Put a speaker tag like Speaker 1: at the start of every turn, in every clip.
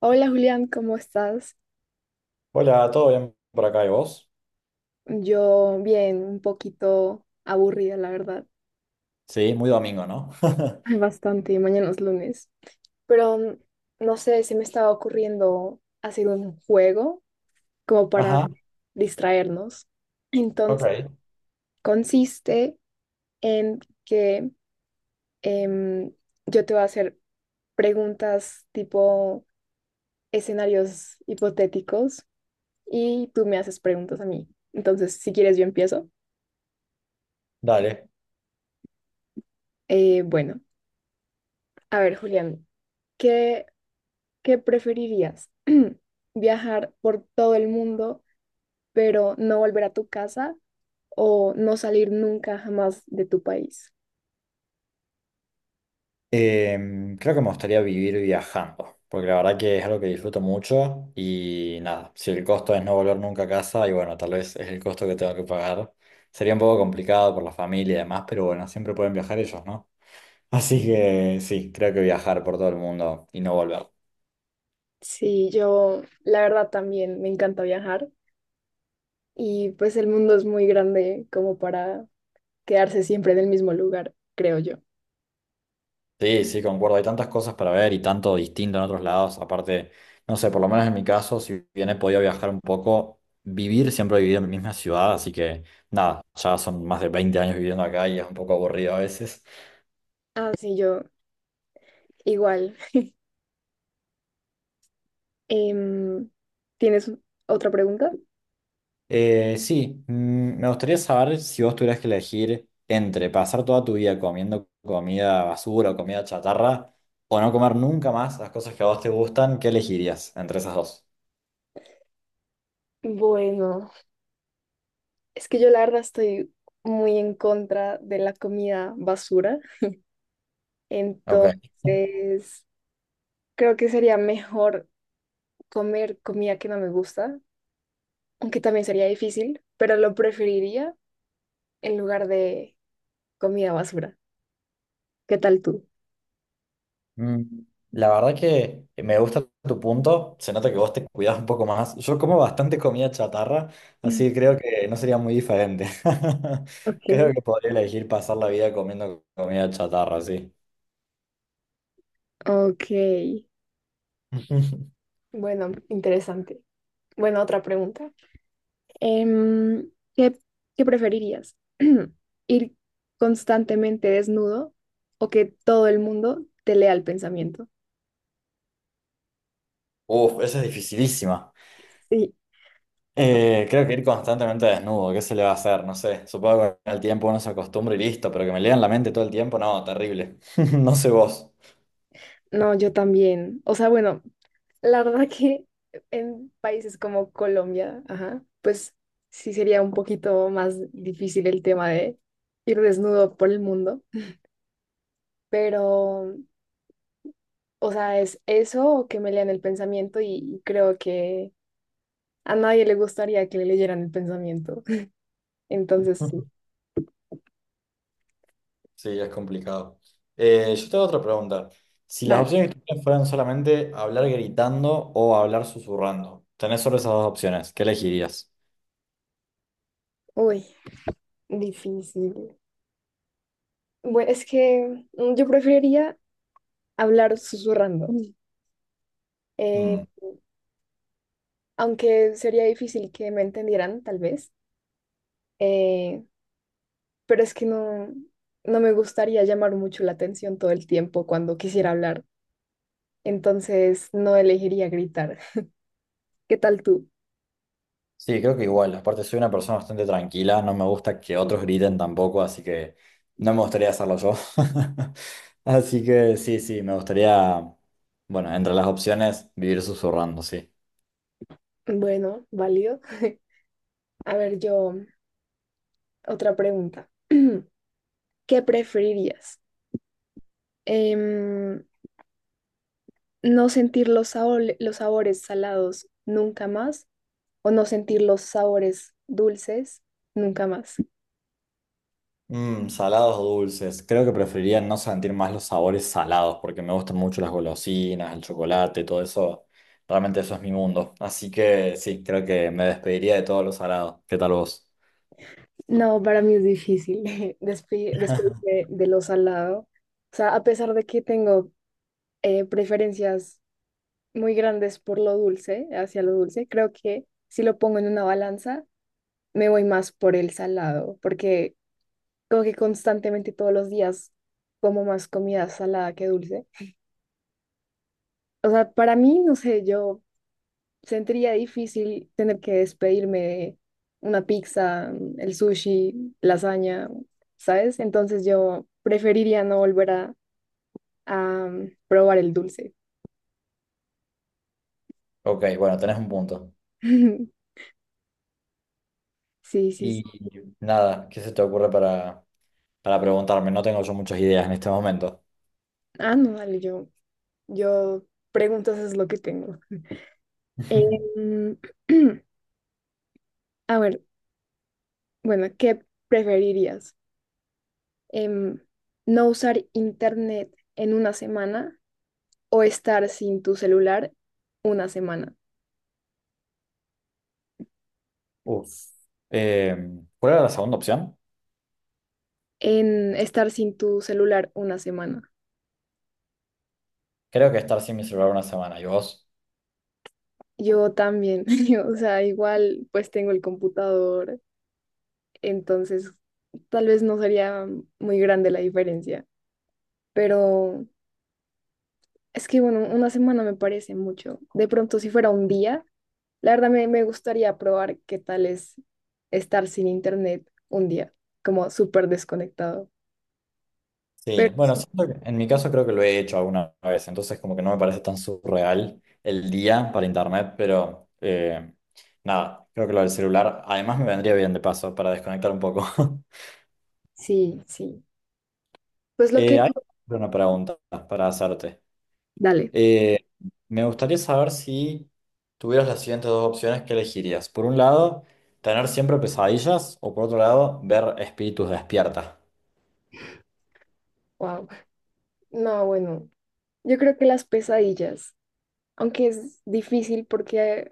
Speaker 1: Hola, Julián, ¿cómo estás?
Speaker 2: Hola, ¿todo bien por acá y vos?
Speaker 1: Yo bien, un poquito aburrida, la verdad.
Speaker 2: Sí, muy domingo, ¿no?
Speaker 1: Ay, bastante, mañana es lunes. Pero no sé, se me estaba ocurriendo hacer un juego como para
Speaker 2: Ajá,
Speaker 1: distraernos. Entonces,
Speaker 2: ok,
Speaker 1: consiste en que em, yo te voy a hacer preguntas tipo escenarios hipotéticos y tú me haces preguntas a mí. Entonces, si quieres, yo empiezo.
Speaker 2: dale.
Speaker 1: Bueno. A ver, Julián, ¿qué, ¿qué preferirías? ¿Viajar por todo el mundo, pero no volver a tu casa o no salir nunca jamás de tu país?
Speaker 2: Creo que me gustaría vivir viajando, porque la verdad que es algo que disfruto mucho y nada, si el costo es no volver nunca a casa y bueno, tal vez es el costo que tengo que pagar, sería un poco complicado por la familia y demás, pero bueno, siempre pueden viajar ellos, ¿no? Así que sí, creo que viajar por todo el mundo y no volver.
Speaker 1: Sí, yo la verdad también me encanta viajar y pues el mundo es muy grande como para quedarse siempre en el mismo lugar, creo yo.
Speaker 2: Sí, sí, concuerdo. Hay tantas cosas para ver y tanto distinto en otros lados. Aparte, no sé, por lo menos en mi caso, si bien he podido viajar un poco, vivir siempre he vivido en mi misma ciudad, así que nada, ya son más de 20 años viviendo acá y es un poco aburrido a veces.
Speaker 1: Ah, sí, yo igual. Em, ¿Tienes otra pregunta?
Speaker 2: Sí, me gustaría saber si vos tuvieras que elegir entre pasar toda tu vida comiendo comida basura o comida chatarra o no comer nunca más las cosas que a vos te gustan, ¿qué elegirías entre esas dos?
Speaker 1: Bueno. Es que yo la verdad estoy muy en contra de la comida basura,
Speaker 2: Ok.
Speaker 1: entonces creo que sería mejor comer comida que no me gusta, aunque también sería difícil, pero lo preferiría en lugar de comida basura. ¿Qué tal tú?
Speaker 2: Mm, La verdad que me gusta tu punto, se nota que vos te cuidás un poco más. Yo como bastante comida chatarra,
Speaker 1: Mm.
Speaker 2: así que creo que no sería muy diferente. Creo
Speaker 1: Ok.
Speaker 2: que podría elegir pasar la vida comiendo comida chatarra, sí.
Speaker 1: Ok, bueno, interesante. Bueno, otra pregunta. Em, ¿qué, ¿qué preferirías? ¿Ir constantemente desnudo o que todo el mundo te lea el pensamiento?
Speaker 2: Uf, esa es dificilísima.
Speaker 1: Sí,
Speaker 2: Creo que ir constantemente desnudo, ¿qué se le va a hacer? No sé, supongo que con el tiempo uno se acostumbra y listo, pero que me lean la mente todo el tiempo, no, terrible. No sé vos.
Speaker 1: no, yo también. O sea, bueno, la verdad que en países como Colombia, ajá, pues sí sería un poquito más difícil el tema de ir desnudo por el mundo, pero, o sea, es eso o que me lean el pensamiento y creo que a nadie le gustaría que le leyeran el pensamiento. Entonces,
Speaker 2: Sí, es complicado. Yo tengo otra pregunta. Si las
Speaker 1: dale.
Speaker 2: opciones que tienes fueran solamente hablar gritando o hablar susurrando, tenés solo esas dos opciones, ¿qué elegirías?
Speaker 1: Uy, difícil. Bueno, es que yo preferiría hablar susurrando. Mm. eh,
Speaker 2: Mm,
Speaker 1: aunque sería difícil que me entendieran, tal vez, eh, pero es que no me gustaría llamar mucho la atención todo el tiempo cuando quisiera hablar, entonces no elegiría gritar. ¿Qué tal tú?
Speaker 2: sí, creo que igual. Aparte, soy una persona bastante tranquila, no me gusta que otros griten tampoco, así que no me gustaría hacerlo yo. Así que sí, sí, me gustaría, bueno, entre las opciones, vivir susurrando, sí.
Speaker 1: Bueno, válido. A ver, yo, otra pregunta. ¿Qué preferirías? Em, no sentir los los sabores salados nunca más o no sentir los sabores dulces nunca más.
Speaker 2: Mm, salados o dulces. Creo que preferiría no sentir más los sabores salados porque me gustan mucho las golosinas, el chocolate, todo eso. Realmente eso es mi mundo. Así que sí, creo que me despediría de todo lo salado. ¿Qué tal vos?
Speaker 1: No, para mí es difícil despedirme de lo salado. O sea, a pesar de que tengo preferencias muy grandes por lo dulce, hacia lo dulce, creo que si lo pongo en una balanza, me voy más por el salado, porque como que constantemente todos los días como más comida salada que dulce. O sea, para mí, no sé, yo sentiría difícil tener que despedirme de una pizza, mm, el sushi, lasaña, ¿sabes? Entonces yo preferiría no volver a probar el dulce.
Speaker 2: Ok, bueno, tenés un punto.
Speaker 1: Sí, sí,
Speaker 2: Y
Speaker 1: sí.
Speaker 2: nada, ¿qué se te ocurre para preguntarme? No tengo yo muchas ideas en este momento.
Speaker 1: Ah, no, dale, yo preguntas es lo que tengo. Em, a ver, bueno, ¿qué preferirías? Em, ¿No usar internet en una semana o estar sin tu celular una semana?
Speaker 2: Uf. Eh, ¿Cuál era la segunda opción?
Speaker 1: En estar sin tu celular una semana.
Speaker 2: Creo que estar sin mi celular una semana. ¿Y vos?
Speaker 1: Yo también, yo, o sea, igual pues tengo el computador, entonces tal vez no sería muy grande la diferencia, pero es que bueno, una semana me parece mucho. De pronto si fuera un día, la verdad me gustaría probar qué tal es estar sin internet un día, como súper desconectado.
Speaker 2: Sí,
Speaker 1: Pero
Speaker 2: bueno,
Speaker 1: sí,
Speaker 2: siento que en mi caso creo que lo he hecho alguna vez, entonces como que no me parece tan surreal el día para internet, pero nada, creo que lo del celular además me vendría bien de paso para desconectar un poco.
Speaker 1: sí, sí. Pues lo que...
Speaker 2: Hay una pregunta para hacerte.
Speaker 1: Dale,
Speaker 2: Eh, me gustaría saber si tuvieras las siguientes dos opciones, ¿qué elegirías? Por un lado, tener siempre pesadillas o por otro lado, ver espíritus despierta.
Speaker 1: wow. No, bueno, yo creo que las pesadillas. Aunque es difícil porque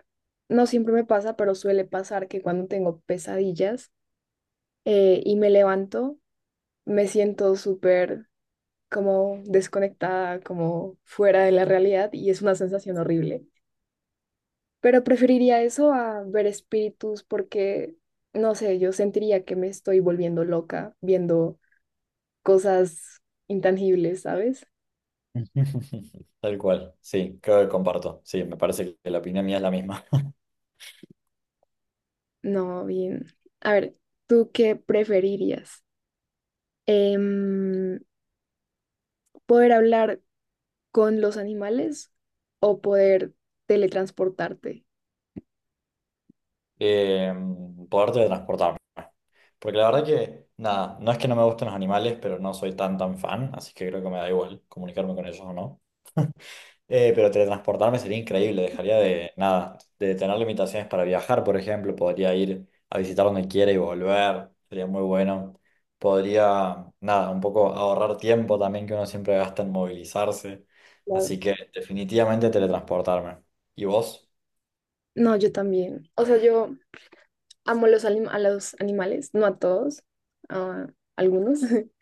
Speaker 1: no siempre me pasa, pero suele pasar que cuando tengo pesadillas y me levanto, me siento súper como desconectada, como fuera de la realidad y es una sensación horrible. Pero preferiría eso a ver espíritus porque, no sé, yo sentiría que me estoy volviendo loca viendo cosas intangibles, ¿sabes?
Speaker 2: Tal cual, sí, creo que comparto. Sí, me parece que la opinión mía es la misma.
Speaker 1: No, bien. A ver, ¿tú qué preferirías? Em, ¿poder hablar con los animales o poder teletransportarte?
Speaker 2: eh, poder teletransportarme. Porque la verdad que, nada, no es que no me gusten los animales, pero no soy tan fan, así que creo que me da igual comunicarme con ellos o no. Pero teletransportarme sería increíble, dejaría de, nada, de tener limitaciones para viajar, por ejemplo, podría ir a visitar donde quiera y volver, sería muy bueno. Podría, nada, un poco ahorrar tiempo también que uno siempre gasta en movilizarse,
Speaker 1: Claro.
Speaker 2: así que definitivamente teletransportarme. ¿Y vos?
Speaker 1: No, yo también. O sea, yo amo los a los animales, no a todos, a algunos,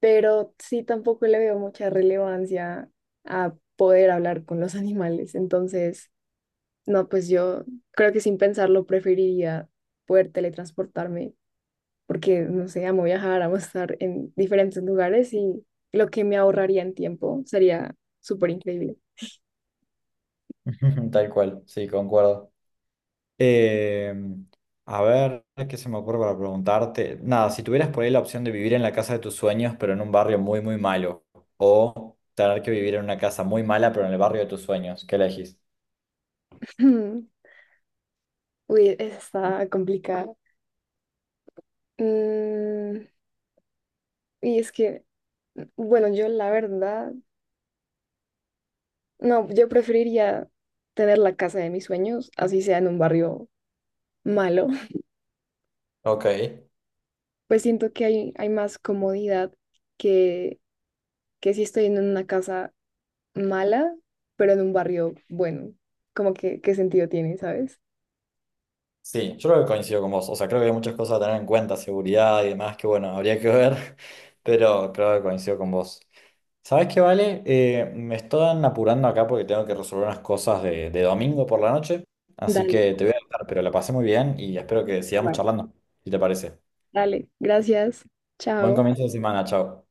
Speaker 1: pero sí tampoco le veo mucha relevancia a poder hablar con los animales. Entonces, no, pues yo creo que sin pensarlo preferiría poder teletransportarme porque, no sé, amo viajar, amo estar en diferentes lugares y lo que me ahorraría en tiempo sería súper increíble.
Speaker 2: Tal cual, sí, concuerdo. Eh, a ver, ¿qué se me ocurre para preguntarte? Nada, si tuvieras por ahí la opción de vivir en la casa de tus sueños, pero en un barrio muy, muy malo, o tener que vivir en una casa muy mala, pero en el barrio de tus sueños, ¿qué elegís?
Speaker 1: Uy, está complicada. Mm, y es que, bueno, yo la verdad, no, yo preferiría tener la casa de mis sueños, así sea en un barrio malo.
Speaker 2: Ok,
Speaker 1: Pues siento que hay más comodidad que, que si estoy en una casa mala, pero de un barrio bueno. Como que, ¿qué sentido tiene, sabes?
Speaker 2: sí, yo creo que coincido con vos. O sea, creo que hay muchas cosas a tener en cuenta, seguridad y demás, que bueno, habría que ver, pero creo que coincido con vos. ¿Sabes qué, Vale? Me están apurando acá porque tengo que resolver unas cosas de domingo por la noche. Así
Speaker 1: Dale,
Speaker 2: que te voy a dejar, pero la pasé muy bien y espero que sigamos
Speaker 1: va.
Speaker 2: charlando, si te parece.
Speaker 1: Dale, gracias.
Speaker 2: Buen
Speaker 1: Chao.
Speaker 2: comienzo de semana, chao.